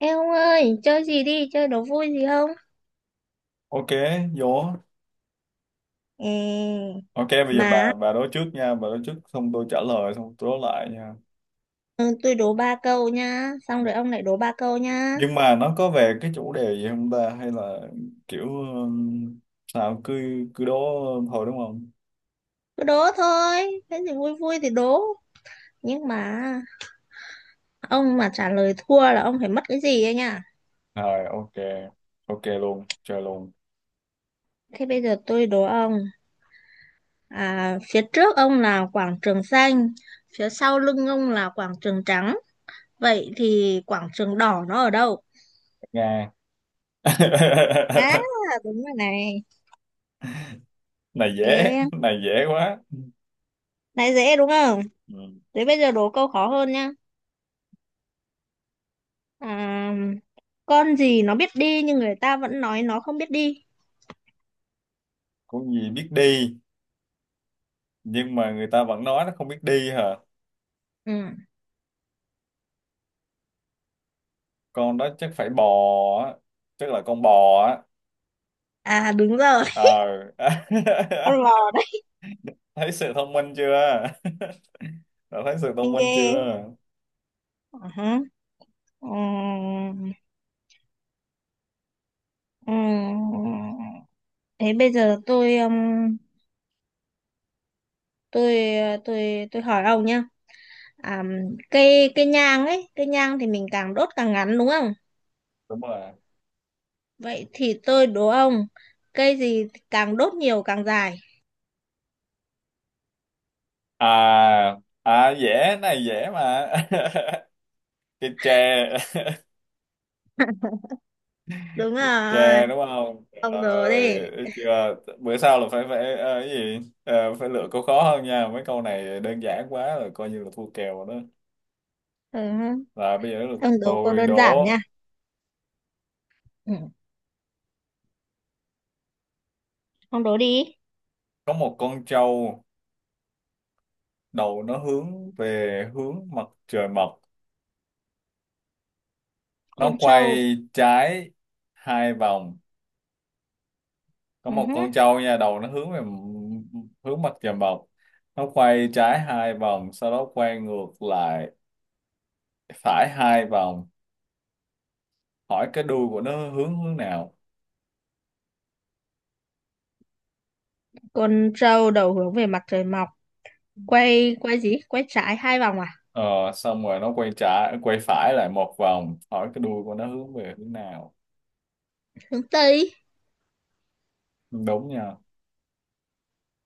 Ê ông ơi, chơi gì đi, chơi đố vui gì không? OK. Vô. Ê, OK, bây giờ mà bà đối trước nha, bà đối trước, xong tôi trả lời, xong tôi đối lại nha. ừ, tôi đố ba câu nha, xong rồi ông lại đố ba câu nha. Nhưng mà nó có về cái chủ đề gì không ta, hay là kiểu sao cứ cứ đố thôi đúng không? Cứ đố thôi, cái gì vui vui thì đố. Nhưng mà ông mà trả lời thua là ông phải mất cái gì ấy nha. Rồi, OK. OK luôn, chơi luôn. Thế bây giờ tôi đố ông, à, phía trước ông là quảng trường xanh, phía sau lưng ông là quảng trường trắng. Vậy thì quảng trường đỏ nó ở đâu? Nga. À, đúng rồi này. Này Ê, dễ, này dễ quá. này dễ đúng không? Ừ. Thế bây giờ đố câu khó hơn nha. À, con gì nó biết đi nhưng người ta vẫn nói nó không biết đi. Con gì biết đi nhưng mà người ta vẫn nói nó không biết đi hả? Ừ. Con đó chắc phải bò á, chắc là con bò á. À đúng rồi, Ờ. con lò đấy, Thấy sự thông minh chưa? Đã thấy sự thông anh minh chưa? ghê. Ờ hả. Ừm, ừm. Thế bây giờ tôi tôi hỏi ông nhá. À, cây cây nhang ấy, cây nhang thì mình càng đốt càng ngắn đúng không? Đúng rồi. Vậy thì tôi đố ông, cây gì càng đốt nhiều càng dài. À, à dễ, này dễ mà. Cái tre. Đúng Cái rồi. tre đúng không? Ông đố đi. Rồi, thấy chưa, bữa sau là phải phải cái gì. Ờ, phải lựa câu khó hơn nha, mấy câu này đơn giản quá rồi, coi như là thua kèo rồi đó. Ừ. Là bây giờ là Ông đố cô tôi đơn giản đố. nha. Ừ. Ông đố đi. Có một con trâu, đầu nó hướng về hướng mặt trời mọc, nó Con trâu. quay trái hai vòng. Có Ừ một hứ. con trâu nha, đầu nó hướng về hướng mặt trời mọc, nó quay trái hai vòng, sau đó quay ngược lại phải hai vòng, hỏi cái đuôi của nó hướng hướng nào. Con trâu đầu hướng về mặt trời mọc, quay quay gì quay trái hai vòng à, ờ, xong rồi nó quay trái quay phải lại một vòng, hỏi cái đuôi của nó hướng về hướng nào. hướng tây Đúng nha.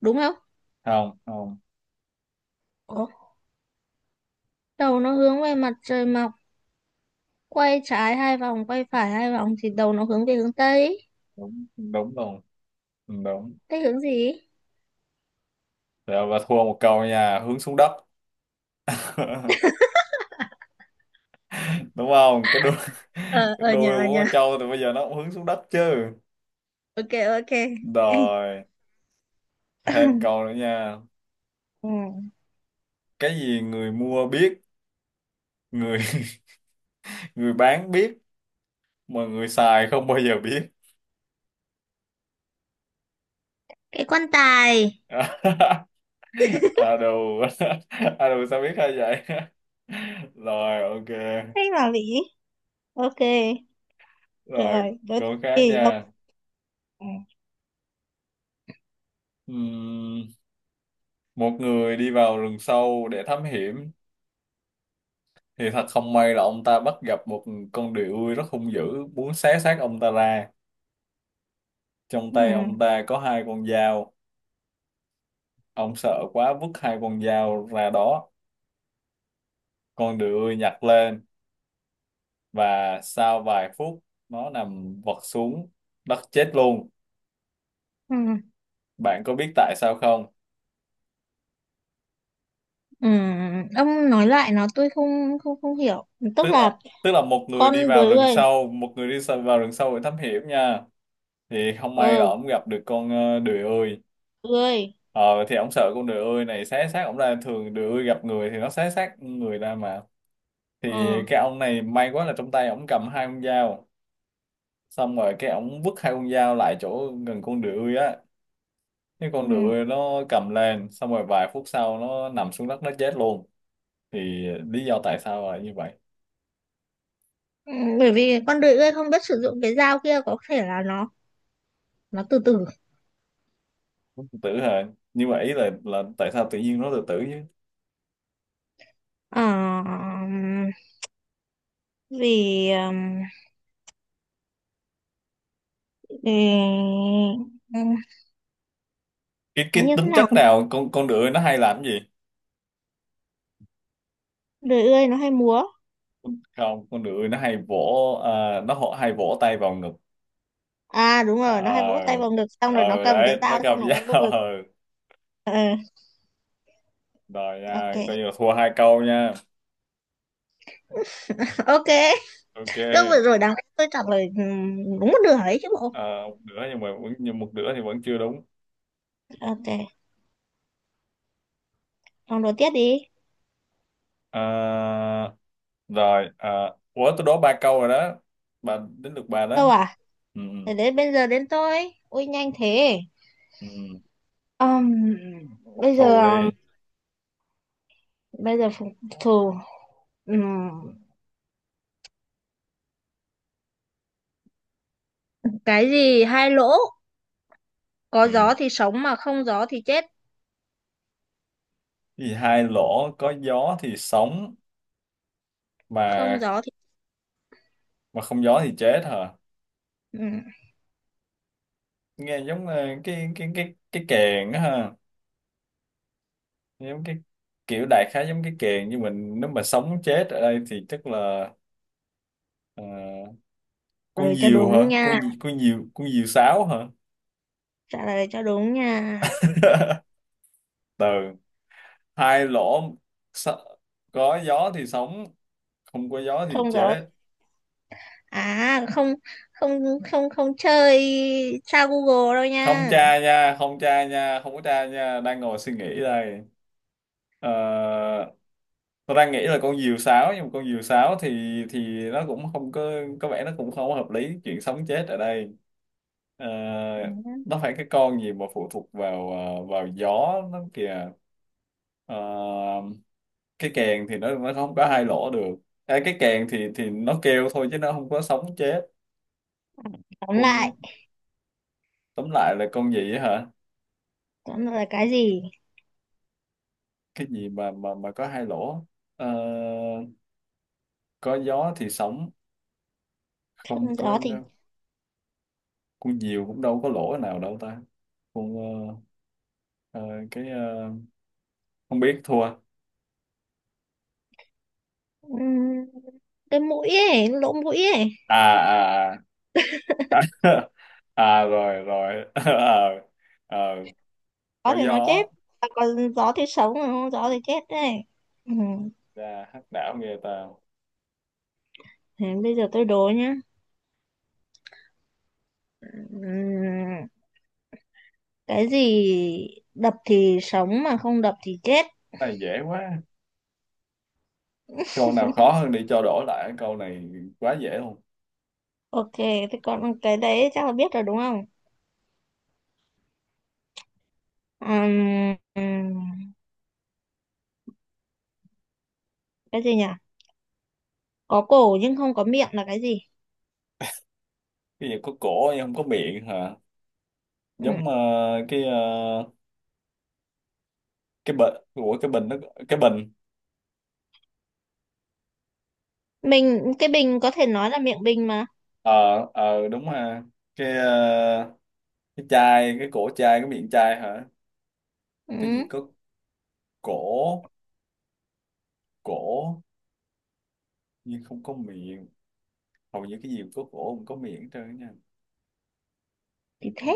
đúng không? Không, không. Ủa? Đầu nó hướng về mặt trời mọc, quay trái hai vòng quay phải hai vòng thì đầu nó hướng về hướng tây. Đúng, đúng luôn. Ừ, đúng Tây hướng gì? rồi. Và thua một câu nha, hướng xuống đất. Đúng không, cái đuôi. Ờ Cái đuôi ờ, của nhờ con trâu thì bây giờ nó cũng hướng xuống đất chứ. ok, ok. Rồi, thêm câu nữa nha. Ừ. Cái gì người mua biết, người người bán biết, mà người xài không bao giờ biết. Cái quan tài. À đồ. À đồ, sao biết hay vậy. Rồi OK. Hay là lý. Ok. Rồi, Trời. Đố câu khác thì ông. nha. Ừ. Ừm, một người đi vào rừng sâu để thám hiểm, thì thật không may là ông ta bắt gặp một con đười ươi rất hung dữ muốn xé xác ông ta ra. Trong Ừ. tay ông ta có hai con dao. Ông sợ quá vứt hai con dao ra đó. Con đười nhặt lên, và sau vài phút nó nằm vật xuống đất chết luôn. Ừ. Bạn có biết tại sao không? Ừ. Ông nói lại nó, tôi không không không hiểu, Tức tức là, là tức là một người con đi dưới vào rừng người. sâu, một người vào rừng sâu để thám hiểm nha. Thì không may là Ừ. ổng gặp được con đười ươi. Ươi. Ờ thì ổng sợ con đười ươi này xé xác ổng ra, thường đười ươi gặp người thì nó xé xác người ra mà. Thì Ừ. cái ông này may quá là trong tay ổng cầm hai con dao. Xong rồi cái ổng vứt hai con dao lại chỗ gần con đười ươi á. Cái Ừ. con ngựa nó cầm lên, xong rồi vài phút sau nó nằm xuống đất nó chết luôn. Thì lý do tại sao là như vậy. Ừ. Bởi vì con đười ươi không biết sử dụng cái dao kia, có thể là nó từ từ. Tử hả? Nhưng mà ý là tại sao tự nhiên nó tự tử chứ. Ờ, vì vì ừm, cái nó cái như thế tính nào. chất nào con ngựa nó hay làm cái gì. Đười ươi nó hay múa. Không, con ngựa nó hay vỗ nó hay vỗ tay vào ngực. À đúng À, rồi, nó hay vỗ tay ờ. vào ngực xong rồi nó Ờ cầm cái đấy, nó dao xong cầm rồi nó vỗ dao. ngực. Ờ. Ờ, Rồi ok. nha, coi như là thua hai câu nha. Ok. OK. Câu vừa rồi đáng lẽ tôi trả lời đúng một nửa đấy chứ bộ. Ờ, một nửa nhưng mà vẫn, nhưng một nửa thì vẫn chưa đúng. Ok. Còn đố tiếp đi. Ờ, rồi ủa, tôi đố ba câu rồi đó, bà đến được bà Câu đó. à. Ừ, Thế đến bây giờ đến tôi, ui nhanh thế. ừ, ừ. Ừm, Phục bây giờ thù đi. bây giờ phục thù. Ừm, cái gì hai lỗ, có Ừ. gió thì sống mà không gió thì chết. Cái hai lỗ, có gió thì sống mà Không gió thì. Không gió thì chết hả? Ừm, Nghe giống cái kèn á ha, giống cái kiểu, đại khái giống cái kèn, nhưng mình nếu mà sống chết ở đây thì chắc là ờ, Trả con lời cho diều đúng hả? nha. Con diều, con diều sáo hả? Trả lời cho đúng nha. Từ hai lỗ, s- có gió thì sống, không có gió thì Không gió chết. à. Không, không, không, không, không chơi. Sao Google đâu Không nha. tra nha, không tra nha, không có tra nha, đang ngồi suy nghĩ đây. Ờ, tôi đang nghĩ là con diều sáo, nhưng mà con diều sáo thì nó cũng không có, có vẻ nó cũng không có hợp lý chuyện sống chết ở đây. Ờ, Ừm, nó phải cái con gì mà phụ thuộc vào vào gió nó kìa. Ờ, cái kèn thì nó không có hai lỗ được. À, cái kèn thì nó kêu thôi chứ nó không có sống chết. tóm lại Con, tóm lại là con gì á hả? tóm lại là cái gì. Cái gì mà mà có hai lỗ. Ờ, có gió thì sóng, Không không có. gió thì Con diều cũng đâu có lỗ nào đâu ta. Con ờ, ờ, cái không biết, thua à? ừm, cái mũi ấy, lỗ mũi ấy. À, à, à, à rồi rồi. Ờ, ờ, có Gió thì nó chết gió. à, còn gió thì sống mà không gió thì chết đấy. Ừm, Ra hắc đảo nghe ta. Thế bây giờ tôi đố nhá. Ừm, cái gì đập thì sống mà không đập thì chết. Cái này dễ quá, câu nào khó hơn đi cho đổi lại câu này, quá dễ luôn. Ok. Thế còn cái đấy chắc là biết rồi đúng không. Ừm, ừm, cái gì nhỉ, có cổ nhưng không có miệng là cái gì. Cái gì có cổ nhưng không có miệng hả? Ừm, Giống cái cái bình, của cái bình nó, cái bình. mình cái bình có thể nói là miệng bình mà. Ờ, ờ đúng ha. Cái cái chai, cái cổ chai, cái miệng chai hả? Cái gì Ừm, có cổ cổ nhưng không có miệng. Hầu như cái gì có cổ không có miệng hết trơn á nha. thì thế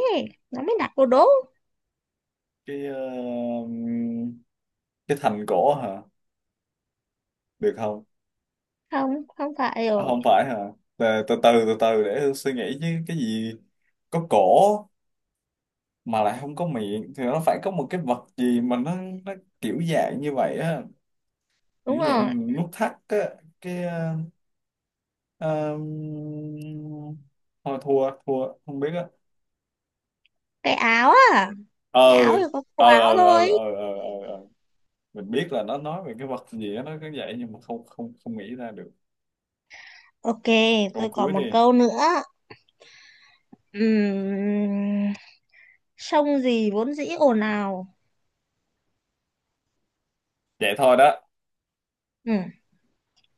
nó mới đặt vô đố. Cái cái thành cổ hả, được không? Không, không phải À, rồi. không phải hả? Từ từ từ từ từ để Hương suy nghĩ chứ. Cái gì có cổ mà lại không có miệng thì nó phải có một cái vật gì mà nó kiểu dạng như vậy á, Đúng kiểu rồi. dạng nút thắt á. Cái Ờ, thôi thua, thua, không biết á. Cái áo à. ờ Cái áo thì có cổ ờ áo ờ ờ thôi. ờ ờ ờ ờ. Mình biết là nó nói về cái vật gì đó nó cứ vậy nhưng mà không không không nghĩ ra được. Ok. Câu Tôi cuối còn đi. một câu nữa. Ừm, Sông gì vốn dĩ ồn ào. Vậy thôi đó. Ừm,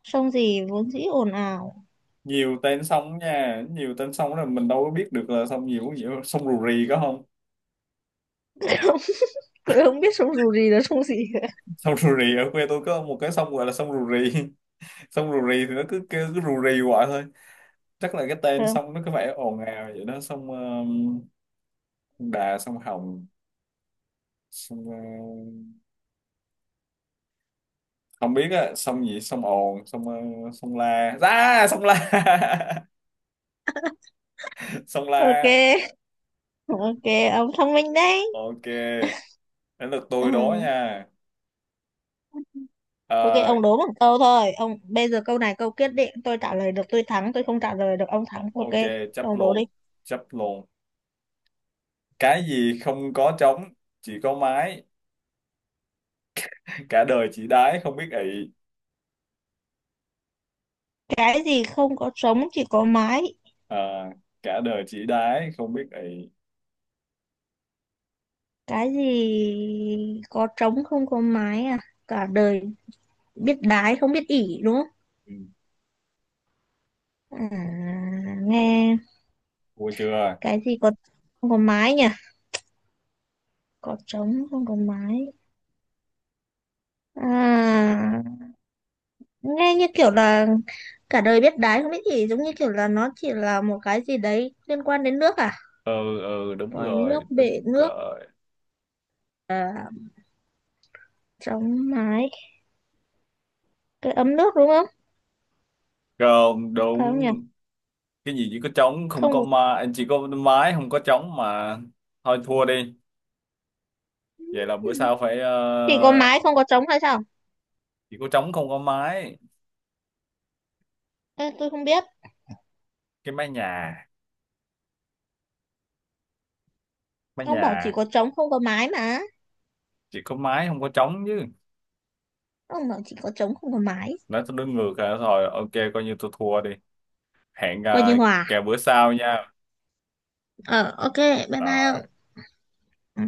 Sông gì vốn dĩ ồn ào. Nhiều tên sông nha, nhiều tên sông là mình đâu có biết được là sông nhiều gì, sông Rù Rì có không? Tôi không biết sông dù gì là sông gì cả. Sông Rù Rì, ở quê tôi có một cái sông gọi là sông Rù Rì. Sông Rù Rì thì nó cứ kêu cứ rù rì hoài thôi, chắc là cái Ờ, tên sông nó cứ phải ồn ào vậy đó. Sông sông Đà, sông Hồng, sông ờ, không biết á, sông gì, sông ồn, sông sông la ra, sông La. Sông La. ok, ok. Ông thông minh đấy. OK. Đến lượt tôi đố Ừ. nha. Ok, Ờ, ông đố một câu thôi ông, bây giờ câu này câu quyết định, tôi trả lời được tôi thắng, tôi không trả lời được ông thắng, ok. OK. Chấp Ông đố đi. luôn, chấp luôn. Cái gì không có trống, chỉ có mái, cả đời chỉ đái không biết ị. Cái gì không có trống chỉ có mái. Ờ, cả đời chỉ đái không biết ị. Cái gì có trống không có mái à. Cả đời biết đái không biết ỉ đúng không. Ừ, À, nghe. thua chưa? Cái gì có, không có mái nhỉ, có trống không có mái. À, nghe như kiểu là cả đời biết đái không biết gì, giống như kiểu là nó chỉ là một cái gì đấy liên quan đến nước à. Ừ, ừ, đúng Vòi nước, rồi, bể đúng nước. rồi. À, trống mái. Cái ấm nước đúng không. Không đúng. Phải không nhỉ. Cái gì chỉ có trống không Không có đúng. mái, chỉ có mái không có trống mà. Thôi thua đi. Vậy là Ừ. bữa sau phải Chỉ có mái không có trống hay sao. chỉ có trống không có mái. Ê, tôi không biết. Cái mái nhà, mái Ông bảo chỉ nhà. có trống không có mái mà. Chỉ có mái không có trống chứ. Ông bảo chỉ có trống không có mái. Nói tôi đứng ngược rồi, thôi OK, coi như tôi thua đi. Hẹn Coi như hòa. kèo bữa sau nha. Ờ ok. Bye bye Đó. ông. Ừ.